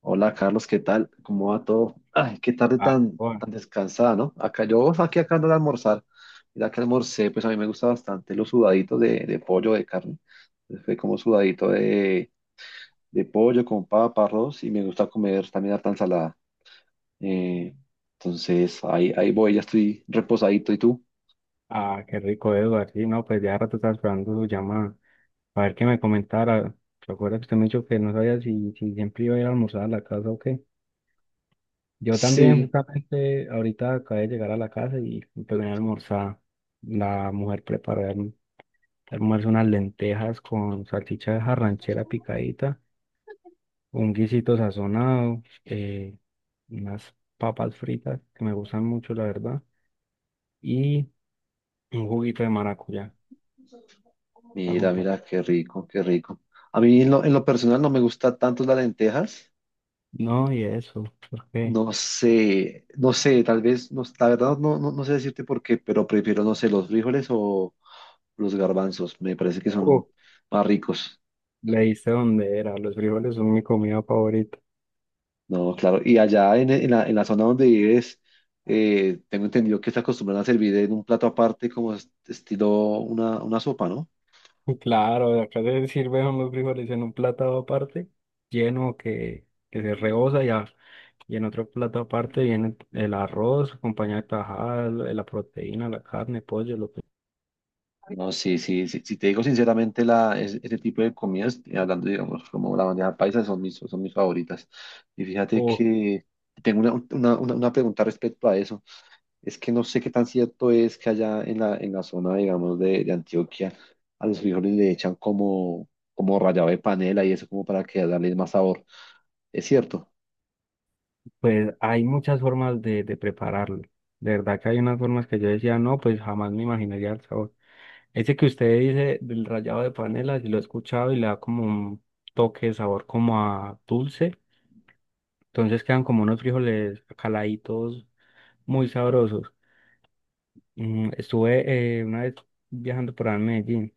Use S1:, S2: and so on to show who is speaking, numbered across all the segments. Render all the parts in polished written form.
S1: Hola Carlos, ¿qué tal? ¿Cómo va todo? Ay, qué tarde
S2: Ah,
S1: tan,
S2: joda.
S1: tan descansada, ¿no? Acá yo aquí acá ando de almorzar. Mira que almorcé, pues a mí me gusta bastante los sudaditos de pollo, de carne. Entonces fue como sudadito de pollo con papa, arroz y me gusta comer también harta ensalada. Eh, entonces ahí voy, ya estoy reposadito. ¿Y tú?
S2: Ah, qué rico, Eduardo. Sí, no, pues ya rato estaba esperando su llamada. A ver qué me comentara. Recuerda que usted me dijo que no sabía si siempre iba a ir a almorzar a la casa o qué. Yo también,
S1: Sí,
S2: justamente, ahorita acabé de llegar a la casa y me pegué a almorzar. La mujer preparó el almuerzo unas lentejas con salchicha ranchera picadita, un guisito sazonado, unas papas fritas que me gustan mucho, la verdad, y un juguito de maracuyá para
S1: mira,
S2: acompañar.
S1: mira, qué rico, qué rico. A mí en lo personal no me gusta tanto las lentejas.
S2: No, ¿y eso por qué?
S1: No sé, no sé, tal vez, no, la verdad no, no, no sé decirte por qué, pero prefiero, no sé, los frijoles o los garbanzos, me parece que
S2: Uf,
S1: son más ricos.
S2: le diste dónde era, los frijoles son mi comida favorita.
S1: No, claro, y allá en la zona donde vives, tengo entendido que se acostumbran a servir en un plato aparte como estilo una sopa, ¿no?
S2: Y claro, acá se sirven los frijoles en un plato aparte, lleno que se rebosa ya, y en otro plato aparte viene el arroz, acompañado de tajada, la proteína, la carne, pollo, lo que...
S1: No, sí, sí, sí, si te digo sinceramente, ese tipo de comidas, hablando, digamos, como la bandeja paisa, son mis favoritas. Y fíjate
S2: Uf,
S1: que tengo una pregunta respecto a eso. Es que no sé qué tan cierto es que allá en la zona, digamos, de Antioquia, a los frijoles le echan como rallado de panela y eso como para que darle más sabor. ¿Es cierto?
S2: pues hay muchas formas de prepararlo. De verdad que hay unas formas que yo decía, no, pues jamás me imaginaría el sabor. Ese que usted dice del rallado de panela, si lo he escuchado y le da como un toque de sabor como a dulce. Entonces quedan como unos frijoles caladitos muy sabrosos. Mm, estuve una vez viajando por ahí en Medellín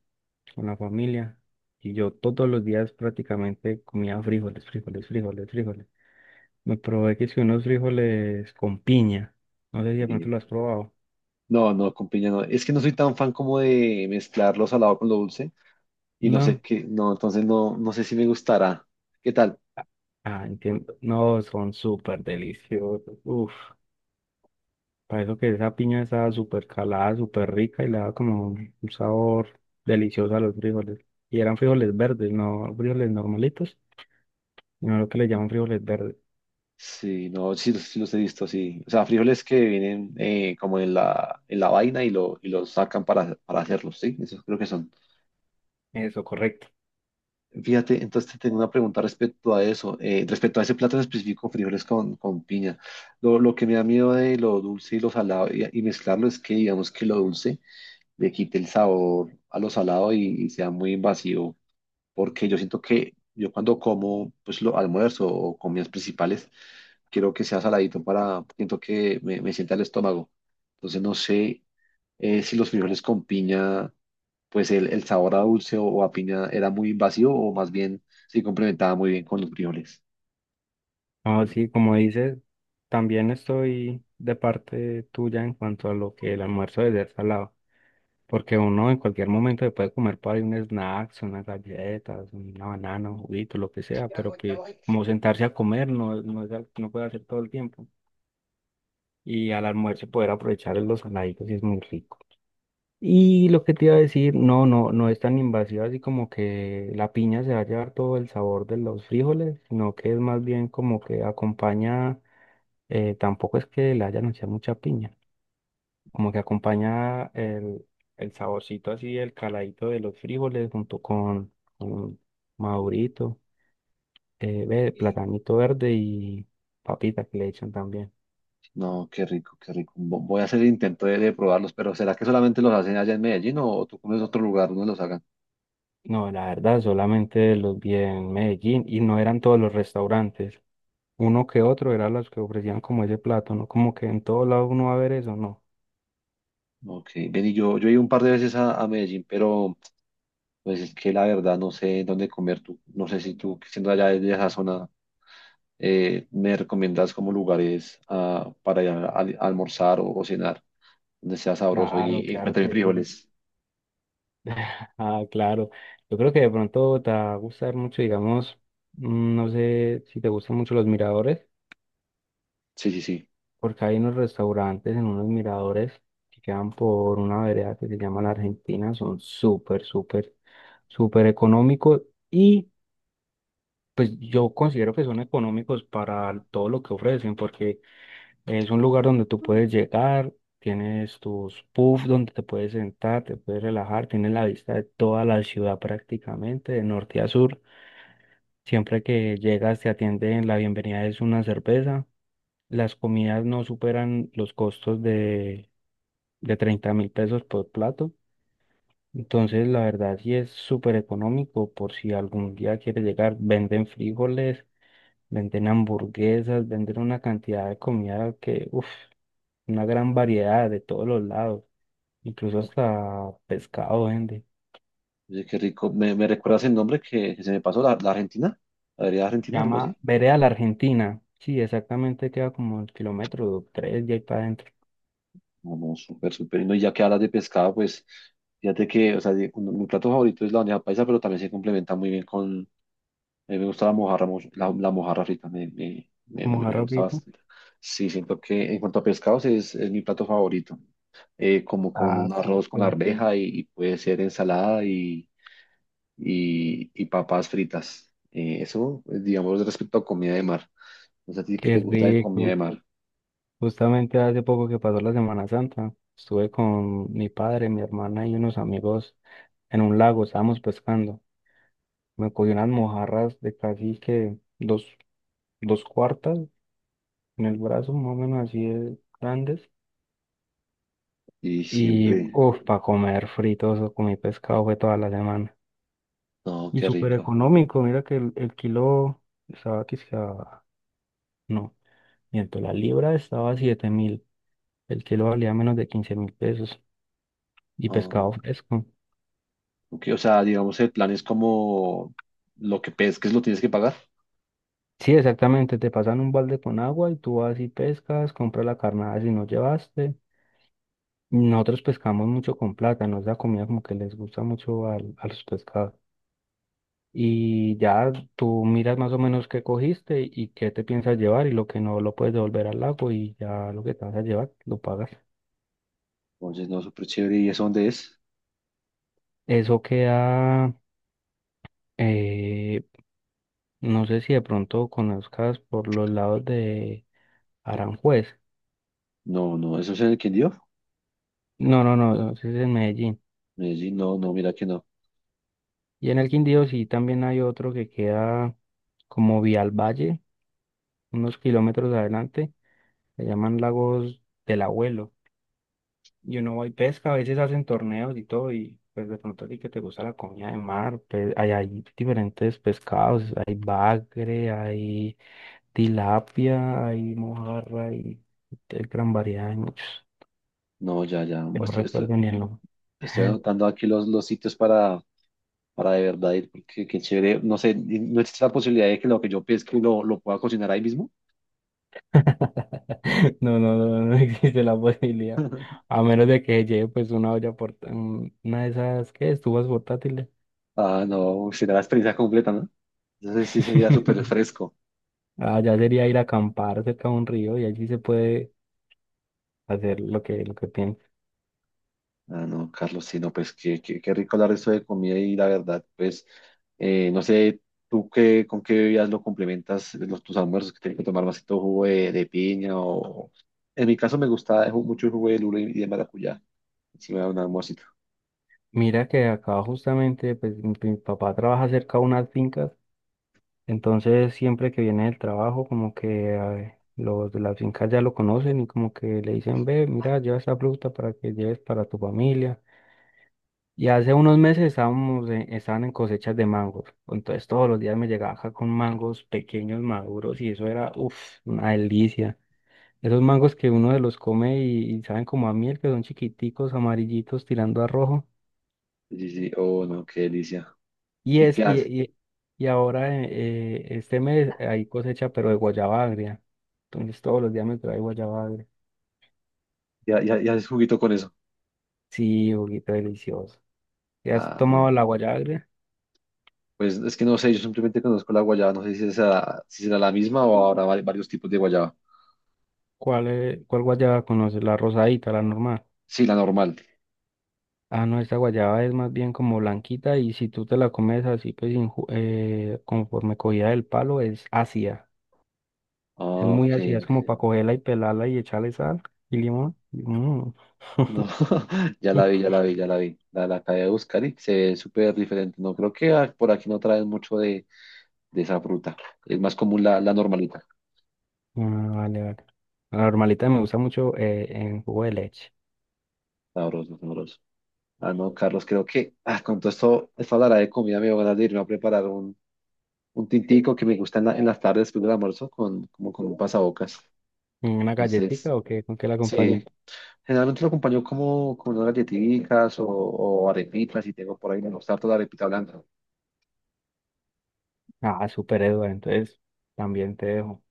S2: con la familia y yo todos los días prácticamente comía frijoles, frijoles, frijoles, frijoles. Me probé que si unos frijoles con piña. No sé si de
S1: Eh,
S2: pronto lo has probado.
S1: no, no, con piña no. Es que no soy tan fan como de mezclar lo salado con lo dulce y no sé
S2: No.
S1: qué, no, entonces no, no sé si me gustará. ¿Qué tal?
S2: Ah, entiendo. No, son súper deliciosos. Uf. Para eso que esa piña estaba súper calada, súper rica y le daba como un sabor delicioso a los frijoles. Y eran frijoles verdes, no frijoles normalitos, sino lo que le llaman frijoles verdes.
S1: Sí, no, sí, sí los he visto, sí. O sea, frijoles que vienen como en la vaina y, lo, y los sacan para hacerlos, ¿sí? Esos creo que son.
S2: Eso, correcto.
S1: Fíjate, entonces te tengo una pregunta respecto a eso, respecto a ese plato en específico, frijoles con piña. Lo que me da miedo de lo dulce y lo salado y mezclarlo es que digamos que lo dulce le quite el sabor a lo salado y sea muy invasivo, porque yo siento que yo cuando como pues lo almuerzo o comidas principales, quiero que sea saladito para, siento que me sienta el estómago. Entonces no sé si los frijoles con piña pues el sabor a dulce o, a piña era muy invasivo o más bien se complementaba muy bien con los frijoles.
S2: No, sí, como dices, también estoy de parte tuya en cuanto a lo que el almuerzo debe ser salado. Porque uno en cualquier momento se puede comer por ahí un snack, unas galletas, una banana, un juguito, lo que sea, pero pues como sentarse a comer no, no, es al- no puede hacer todo el tiempo. Y al almuerzo poder aprovechar los saladitos y es muy rico. Y lo que te iba a decir, no, no, no es tan invasiva así como que la piña se va a llevar todo el sabor de los frijoles, sino que es más bien como que acompaña, tampoco es que le hayan echado mucha piña, como que acompaña el saborcito así, el caladito de los frijoles junto con madurito, ve, platanito verde y papita que le echan también.
S1: No, qué rico, qué rico. Voy a hacer el intento de probarlos, pero ¿será que solamente los hacen allá en Medellín o tú conoces otro lugar donde los hagan?
S2: No, la verdad, solamente los vi en Medellín y no eran todos los restaurantes. Uno que otro eran los que ofrecían como ese plato, ¿no? Como que en todo lado uno va a ver eso, ¿no?
S1: Ok, ven y yo he ido un par de veces a Medellín, pero pues es que la verdad no sé dónde comer tú. No sé si tú, que siendo allá de esa zona, me recomiendas como lugares ah, para ir a almorzar o cenar, donde sea sabroso
S2: Claro,
S1: y,
S2: claro
S1: encuentre
S2: que sí.
S1: frijoles.
S2: Ah, claro. Yo creo que de pronto te va a gustar mucho, digamos, mm, no sé si te gustan mucho los miradores,
S1: Sí, sí, sí.
S2: porque hay unos restaurantes en unos miradores que quedan por una vereda que se llama La Argentina, son súper, súper, súper económicos y pues yo considero que son económicos para todo lo que ofrecen, porque es un lugar donde tú puedes llegar, tienes tus puffs donde te puedes sentar, te puedes relajar, tienes la vista de toda la ciudad prácticamente, de norte a sur. Siempre que llegas te atienden, la bienvenida es una cerveza. Las comidas no superan los costos de 30.000 pesos por plato. Entonces, la verdad sí es súper económico por si algún día quieres llegar, venden frijoles, venden hamburguesas, venden una cantidad de comida que, uff, una gran variedad de todos los lados, incluso hasta pescado vende.
S1: Oye, qué rico. Me recuerdas el nombre que se me pasó? La Argentina? ¿La vereda
S2: Se
S1: Argentina? ¿Algo
S2: llama
S1: así?
S2: Vereda la Argentina. Sí, exactamente queda como el kilómetro 3 y ahí para adentro.
S1: No, no, súper, súper. Y no, y ya que hablas de pescado, pues fíjate que, o sea, de- un- mi plato favorito es la bandeja paisa, pero también se complementa muy bien con... A mí me gusta la mojarra, mucho, la mojarra frita,
S2: Vamos.
S1: me gusta bastante. Sí, siento que en cuanto a pescados es mi plato favorito. Como con
S2: Ah,
S1: un arroz con
S2: súper.
S1: arveja y puede ser ensalada y papas fritas. Eso, pues, digamos, respecto a comida de mar. No sé a ti qué
S2: Qué
S1: te gusta de comida
S2: rico.
S1: de mar.
S2: Justamente hace poco que pasó la Semana Santa, estuve con mi padre, mi hermana y unos amigos en un lago, estábamos pescando. Me cogí unas mojarras de casi que dos cuartas en el brazo más o menos así de grandes.
S1: Y
S2: Y
S1: siempre,
S2: uff, para comer fritos o comí pescado fue toda la semana.
S1: no,
S2: Y
S1: qué
S2: súper
S1: rico.
S2: económico, mira que el kilo estaba quizá, no, miento, la libra estaba 7.000, el kilo valía menos de 15.000 pesos y pescado
S1: Oh,
S2: fresco.
S1: ok, o sea, digamos, el plan es como lo que pesques lo tienes que pagar.
S2: Sí, exactamente, te pasan un balde con agua y tú vas y pescas, compras la carnada si no llevaste. Nosotros pescamos mucho con plata, nos da comida como que les gusta mucho al- a, los pescados. Y ya tú miras más o menos qué cogiste y qué te piensas llevar y lo que no lo puedes devolver al lago y ya lo que te vas a llevar lo pagas.
S1: Entonces, no, súper chévere. ¿Y eso dónde es?
S2: Eso queda, eh, no sé si de pronto conozcas por los lados de Aranjuez.
S1: No, no, ¿eso es en el Quindío?
S2: No, no, no, no, ese es en Medellín.
S1: Medellín, no, no, mira que no.
S2: Y en el Quindío sí también hay otro que queda como vía al valle, unos kilómetros adelante, se llaman Lagos del Abuelo. Y uno va y pesca, a veces hacen torneos y todo, y pues de pronto a ti que te gusta la comida de mar, pues hay diferentes pescados, hay bagre, hay tilapia, hay mojarra, hay de gran variedad, hay muchos,
S1: No, ya, ya.
S2: que no recuerdo ni el nombre.
S1: Estoy anotando aquí los sitios para de verdad ir, porque qué chévere. No sé, ¿no existe la posibilidad de que lo que yo pesque lo pueda cocinar ahí mismo?
S2: No, no, no, no existe la posibilidad, a menos de que lleve pues una olla, porta- un- una de esas, ¿qué? Estufas portátiles.
S1: Ah, no, será la experiencia completa, ¿no? Entonces sí sería súper fresco.
S2: Allá sería ir a acampar cerca de un río y allí se puede hacer lo que piensa.
S1: Ah, no, Carlos, sí, no, pues qué rico hablar de esto de comida y la verdad, pues no sé, tú qué, con qué bebidas lo complementas los, tus almuerzos, que tienes que tomar vasito jugo de piña o... En mi caso me gusta mucho el jugo de lula y de maracuyá, si me da un almuercito.
S2: Mira que acá justamente, pues mi papá trabaja cerca de unas fincas, entonces siempre que viene del trabajo, como que los de las fincas ya lo conocen y como que le dicen, ve, mira, lleva esta fruta para que lleves para tu familia. Y hace unos meses estábamos en, estaban en cosechas de mangos, entonces todos los días me llegaba acá con mangos pequeños, maduros, y eso era, uff, una delicia. Esos mangos que uno de los come y saben como a miel, que son chiquiticos, amarillitos, tirando a rojo.
S1: Sí, sí, sí, oh, no, qué delicia.
S2: Y,
S1: ¿Y
S2: es,
S1: qué
S2: y,
S1: haces?
S2: y, y ahora este mes hay cosecha, pero de guayaba agria. Entonces todos los días me trae guayaba agria.
S1: Ya haces juguito con eso?
S2: Sí, juguito delicioso. ¿Ya has
S1: Ah, no.
S2: tomado la guayaba agria?
S1: Pues es que no sé, yo simplemente conozco la guayaba, no sé si será, si será la misma o habrá varios tipos de guayaba.
S2: ¿Cuál, cuál guayaba conoces? ¿La rosadita, la normal?
S1: Sí, la normal.
S2: Ah, no, esta guayaba es más bien como blanquita y si tú te la comes así, pues sin ju- conforme cogida del palo, es ácida. Es
S1: Ah,
S2: muy
S1: ok,
S2: ácida, es como para cogerla y pelarla y echarle sal y limón. Mm.
S1: no, ya la vi. La acabé de buscar y se ve súper diferente. No creo que ah, por aquí no traen mucho de esa fruta. Es más común la normalita.
S2: Ah, vale, vale. La normalita me gusta mucho en jugo de leche.
S1: Sabroso, sabroso. Ah, no, Carlos, creo que ah, con todo esto, esta hablará de comida, me dio ganas de irme a preparar un tintico que me gusta en las tardes después del almuerzo, con, como con un pasabocas.
S2: ¿En ¿una
S1: Entonces,
S2: galletita o qué? ¿Con qué la
S1: sí,
S2: acompaña?
S1: generalmente lo acompaño como con unas galletitas o arepitas, si tengo por ahí, me gusta harto la arepita blanca.
S2: Ah, súper, Eduardo. Entonces, también te dejo.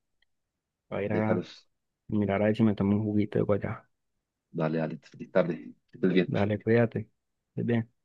S2: Voy a ir
S1: Vale,
S2: a
S1: Carlos,
S2: mirar a ver si me tomo un juguito de guayaba.
S1: dale, dale, feliz tarde. Que estés bien.
S2: Dale, cuídate. Estés bien.